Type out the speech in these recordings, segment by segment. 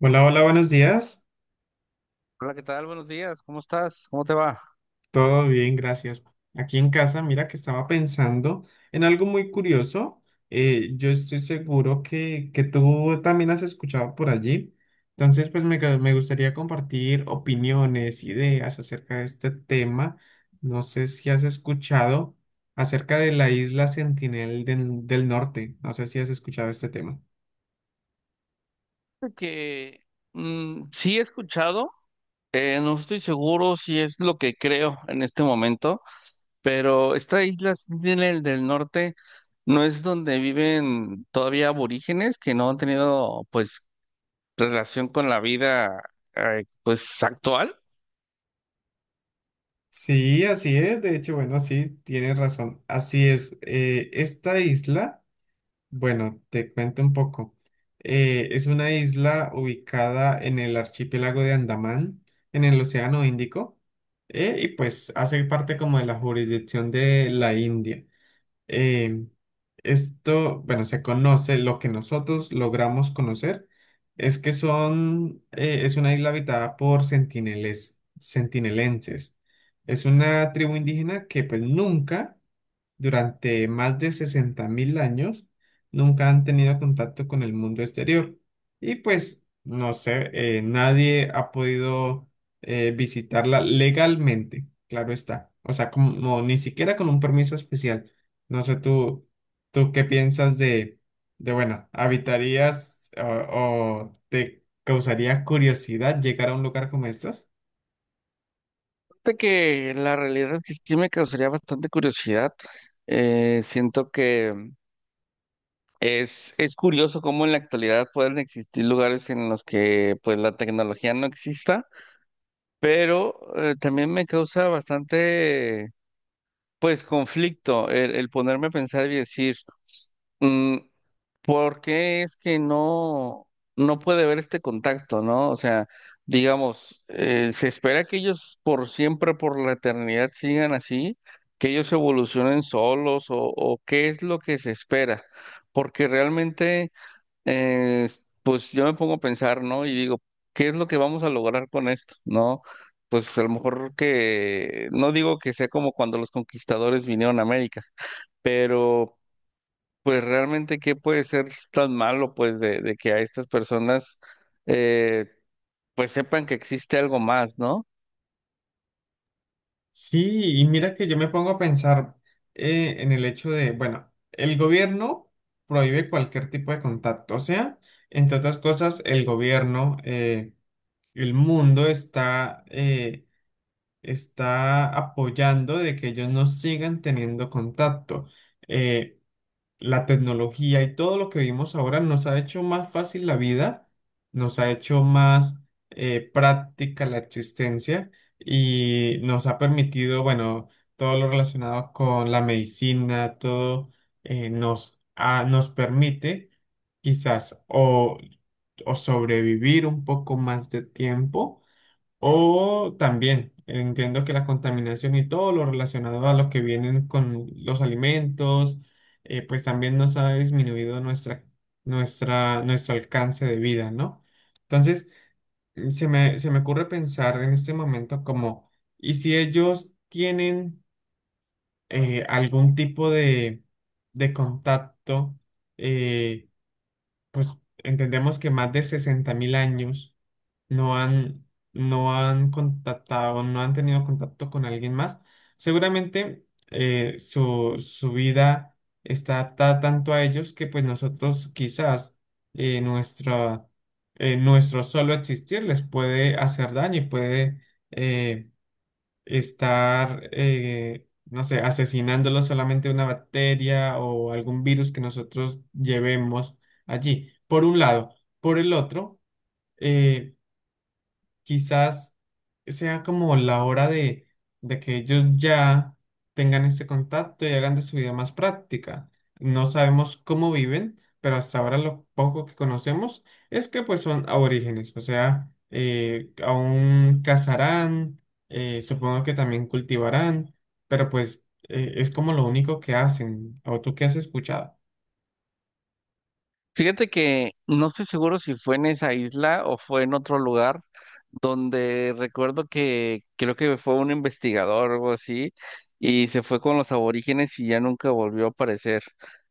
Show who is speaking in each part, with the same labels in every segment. Speaker 1: Hola, hola, buenos días.
Speaker 2: Hola, ¿qué tal? Buenos días. ¿Cómo estás? ¿Cómo te va?
Speaker 1: Todo bien, gracias. Aquí en casa, mira que estaba pensando en algo muy curioso. Yo estoy seguro que tú también has escuchado por allí. Entonces, pues me gustaría compartir opiniones, ideas acerca de este tema. No sé si has escuchado acerca de la isla Sentinel del Norte. No sé si has escuchado este tema.
Speaker 2: Que sí he escuchado, no estoy seguro si es lo que creo en este momento, pero esta isla Sentinel del Norte no es donde viven todavía aborígenes que no han tenido pues relación con la vida pues actual.
Speaker 1: Sí, así es. De hecho, bueno, sí, tienes razón. Así es. Esta isla... Bueno, te cuento un poco. Es una isla ubicada en el archipiélago de Andamán, en el Océano Índico, y pues hace parte como de la jurisdicción de la India. Eh, esto, bueno, se conoce, lo que nosotros logramos conocer es que son, es una isla habitada por centineles, centinelenses. Es una tribu indígena que pues nunca durante más de 60.000 años nunca han tenido contacto con el mundo exterior. Y pues, no sé, nadie ha podido visitarla legalmente, claro está. O sea, como no, ni siquiera con un permiso especial. No sé, tú qué piensas de bueno, ¿habitarías o te causaría curiosidad llegar a un lugar como estos?
Speaker 2: De que la realidad es que sí me causaría bastante curiosidad. Siento que es curioso cómo en la actualidad pueden existir lugares en los que pues la tecnología no exista, pero también me causa bastante pues conflicto el ponerme a pensar y decir, mm, ¿por qué es que no puede haber este contacto, ¿no? O sea, digamos, se espera que ellos por siempre, por la eternidad sigan así, que ellos evolucionen solos o qué es lo que se espera, porque realmente eh, pues yo me pongo a pensar, ¿no? Y digo, ¿qué es lo que vamos a lograr con esto? ¿No? Pues a lo mejor que, no digo que sea como cuando los conquistadores vinieron a América, pero pues realmente, ¿qué puede ser tan malo, pues, de que a estas personas, eh, pues sepan que existe algo más, ¿no?
Speaker 1: Sí, y mira que yo me pongo a pensar en el hecho de, bueno, el gobierno prohíbe cualquier tipo de contacto, o sea, entre otras cosas, el gobierno, el mundo está, está apoyando de que ellos no sigan teniendo contacto. Eh, la tecnología y todo lo que vivimos ahora nos ha hecho más fácil la vida, nos ha hecho más práctica la existencia y nos ha permitido, bueno, todo lo relacionado con la medicina, todo nos permite quizás o sobrevivir un poco más de tiempo o también entiendo que la contaminación y todo lo relacionado a lo que vienen con los alimentos, pues también nos ha disminuido nuestro alcance de vida, ¿no? Entonces, se me ocurre pensar en este momento como, ¿y si ellos tienen algún tipo de contacto? eh, pues entendemos que más de 60.000 años no han, no han contactado, no han tenido contacto con alguien más. Seguramente su vida está adaptada tanto a ellos que pues nosotros quizás eh, nuestra, nuestro solo existir les puede hacer daño y puede eh, estar, no sé, asesinándolo solamente una bacteria o algún virus que nosotros llevemos allí, por un lado. Por el otro, eh, quizás sea como la hora de que ellos ya tengan este contacto y hagan de su vida más práctica. No sabemos cómo viven, pero hasta ahora lo poco que conocemos es que pues son aborígenes, o sea, aún cazarán, supongo que también cultivarán, pero pues es como lo único que hacen. ¿O tú qué has escuchado?
Speaker 2: Fíjate que no estoy seguro si fue en esa isla o fue en otro lugar donde recuerdo que creo que fue un investigador o algo así y se fue con los aborígenes y ya nunca volvió a aparecer.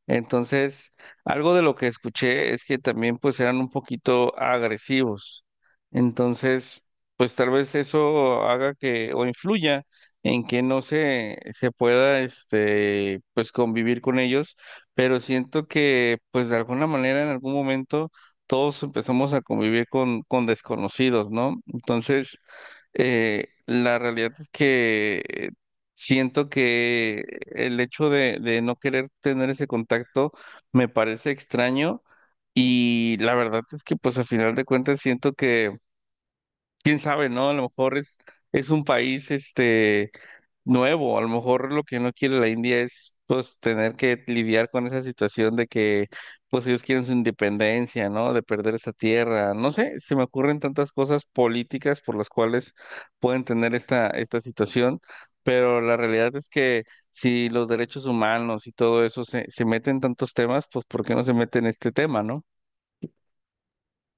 Speaker 2: Entonces, algo de lo que escuché es que también pues eran un poquito agresivos. Entonces, pues tal vez eso haga que o influya en que no se pueda este pues convivir con ellos, pero siento que pues de alguna manera en algún momento todos empezamos a convivir con desconocidos, ¿no? Entonces, la realidad es que siento que el hecho de no querer tener ese contacto me parece extraño y la verdad es que pues a final de cuentas siento que, quién sabe, ¿no? A lo mejor es un país, este nuevo. A lo mejor lo que no quiere la India es pues tener que lidiar con esa situación de que pues ellos quieren su independencia, ¿no? De perder esa tierra. No sé, se me ocurren tantas cosas políticas por las cuales pueden tener esta situación, pero la realidad es que si los derechos humanos y todo eso se meten en tantos temas, pues ¿por qué no se mete en este tema, ¿no?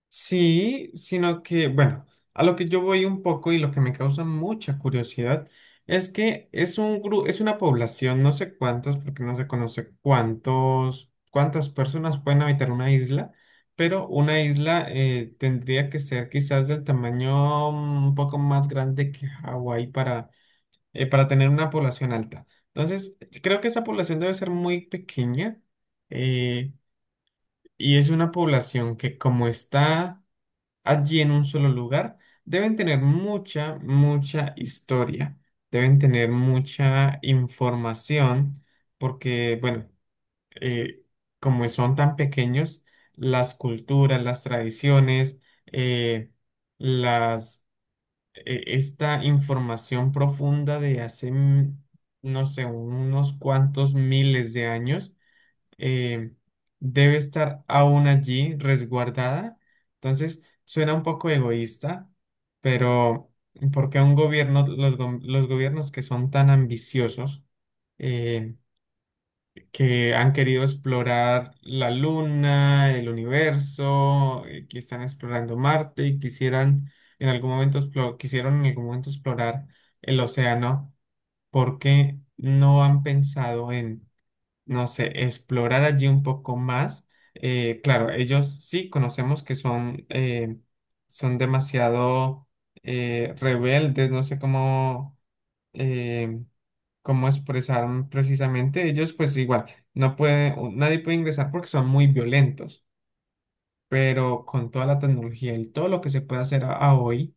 Speaker 1: Sí, sino que, bueno, a lo que yo voy un poco y lo que me causa mucha curiosidad es que es es una población, no sé cuántos, porque no se conoce cuántos, cuántas personas pueden habitar una isla, pero una isla tendría que ser quizás del tamaño un poco más grande que Hawái para tener una población alta. Entonces, creo que esa población debe ser muy pequeña eh, y es una población que como está allí en un solo lugar, deben tener mucha, mucha historia, deben tener mucha información, porque, bueno, eh, como son tan pequeños, las culturas, las tradiciones, eh, las, esta información profunda de hace, no sé, unos cuantos miles de años eh, debe estar aún allí resguardada. Entonces, suena un poco egoísta, pero ¿por qué un gobierno, los gobiernos que son tan ambiciosos, eh, que han querido explorar la Luna, el universo, que están explorando Marte y quisieran en algún momento, quisieron en algún momento explorar el océano? ¿Por qué no han pensado no sé, explorar allí un poco más? Claro, ellos sí conocemos que son, son demasiado rebeldes, no sé cómo, eh, cómo expresaron precisamente. Ellos pues igual, nadie puede ingresar porque son muy violentos, pero con toda la tecnología y todo lo que se puede hacer a hoy,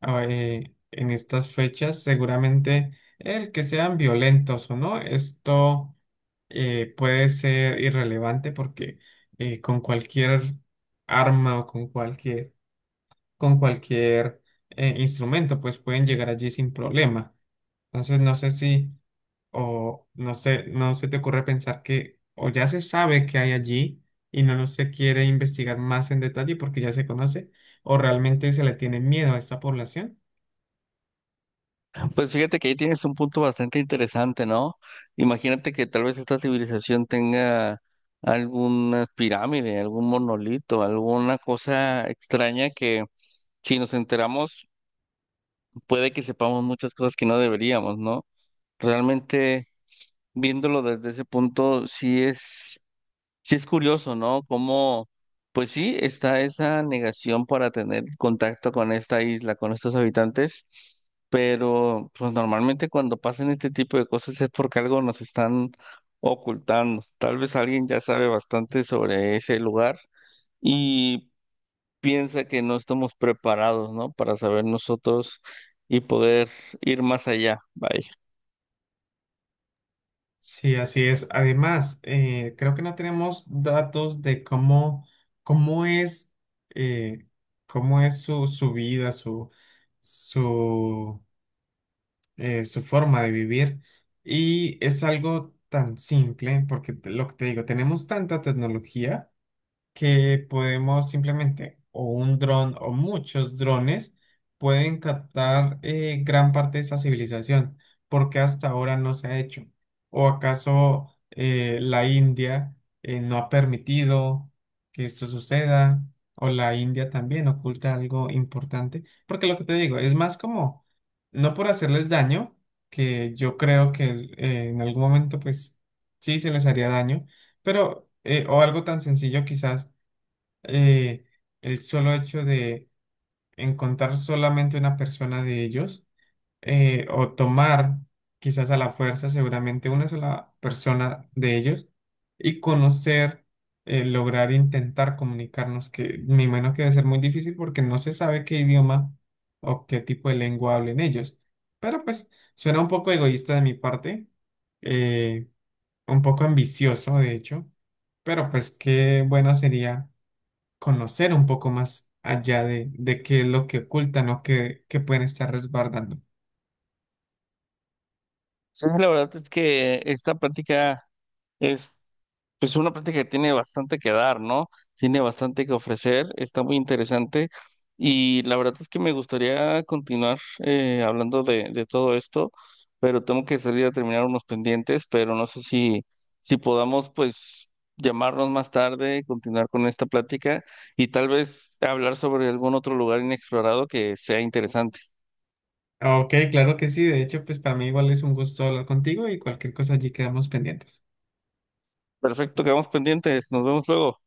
Speaker 1: en estas fechas, seguramente el que sean violentos o no, esto puede ser irrelevante porque con cualquier arma o con cualquier instrumento, pues pueden llegar allí sin problema. Entonces, no sé si, o no sé, no se te ocurre pensar que o ya se sabe que hay allí y no lo se quiere investigar más en detalle porque ya se conoce, o realmente se le tiene miedo a esta población.
Speaker 2: Pues fíjate que ahí tienes un punto bastante interesante, ¿no? Imagínate que tal vez esta civilización tenga alguna pirámide, algún monolito, alguna cosa extraña que si nos enteramos puede que sepamos muchas cosas que no deberíamos, ¿no? Realmente viéndolo desde ese punto, Sí es curioso, ¿no? Cómo, pues sí, está esa negación para tener contacto con esta isla, con estos habitantes, pero pues normalmente cuando pasan este tipo de cosas es porque algo nos están ocultando. Tal vez alguien ya sabe bastante sobre ese lugar y piensa que no estamos preparados, ¿no? Para saber nosotros y poder ir más allá. Vaya.
Speaker 1: Sí, así es. Además, creo que no tenemos datos de cómo, cómo es, eh, cómo es su, su vida, su, su forma de vivir. Y es algo tan simple, porque lo que te digo, tenemos tanta tecnología que podemos simplemente, o un dron o muchos drones, pueden captar gran parte de esa civilización, porque hasta ahora no se ha hecho. ¿O acaso la India no ha permitido que esto suceda? ¿O la India también oculta algo importante? Porque lo que te digo, es más como, no por hacerles daño, que yo creo que en algún momento pues sí se les haría daño, pero, o algo tan sencillo quizás eh, el solo hecho de encontrar solamente una persona de ellos o tomar quizás a la fuerza seguramente una sola persona de ellos y conocer, lograr intentar comunicarnos, que me imagino que debe ser muy difícil porque no se sabe qué idioma o qué tipo de lengua hablen ellos. Pero pues suena un poco egoísta de mi parte, eh, un poco ambicioso de hecho, pero pues qué bueno sería conocer un poco más allá de qué es lo que ocultan o qué, qué pueden estar resguardando.
Speaker 2: Sí, la verdad es que esta práctica Pues una práctica que tiene bastante que dar, ¿no? Tiene bastante que ofrecer, está muy interesante y la verdad es que me gustaría continuar hablando de todo esto, pero tengo que salir a terminar unos pendientes, pero no sé si, si podamos pues llamarnos más tarde, continuar con esta plática y tal vez hablar sobre algún otro lugar inexplorado que sea interesante.
Speaker 1: Ok, claro que sí. De hecho, pues para mí igual es un gusto hablar contigo y cualquier cosa allí quedamos pendientes.
Speaker 2: Perfecto, quedamos pendientes, nos vemos luego.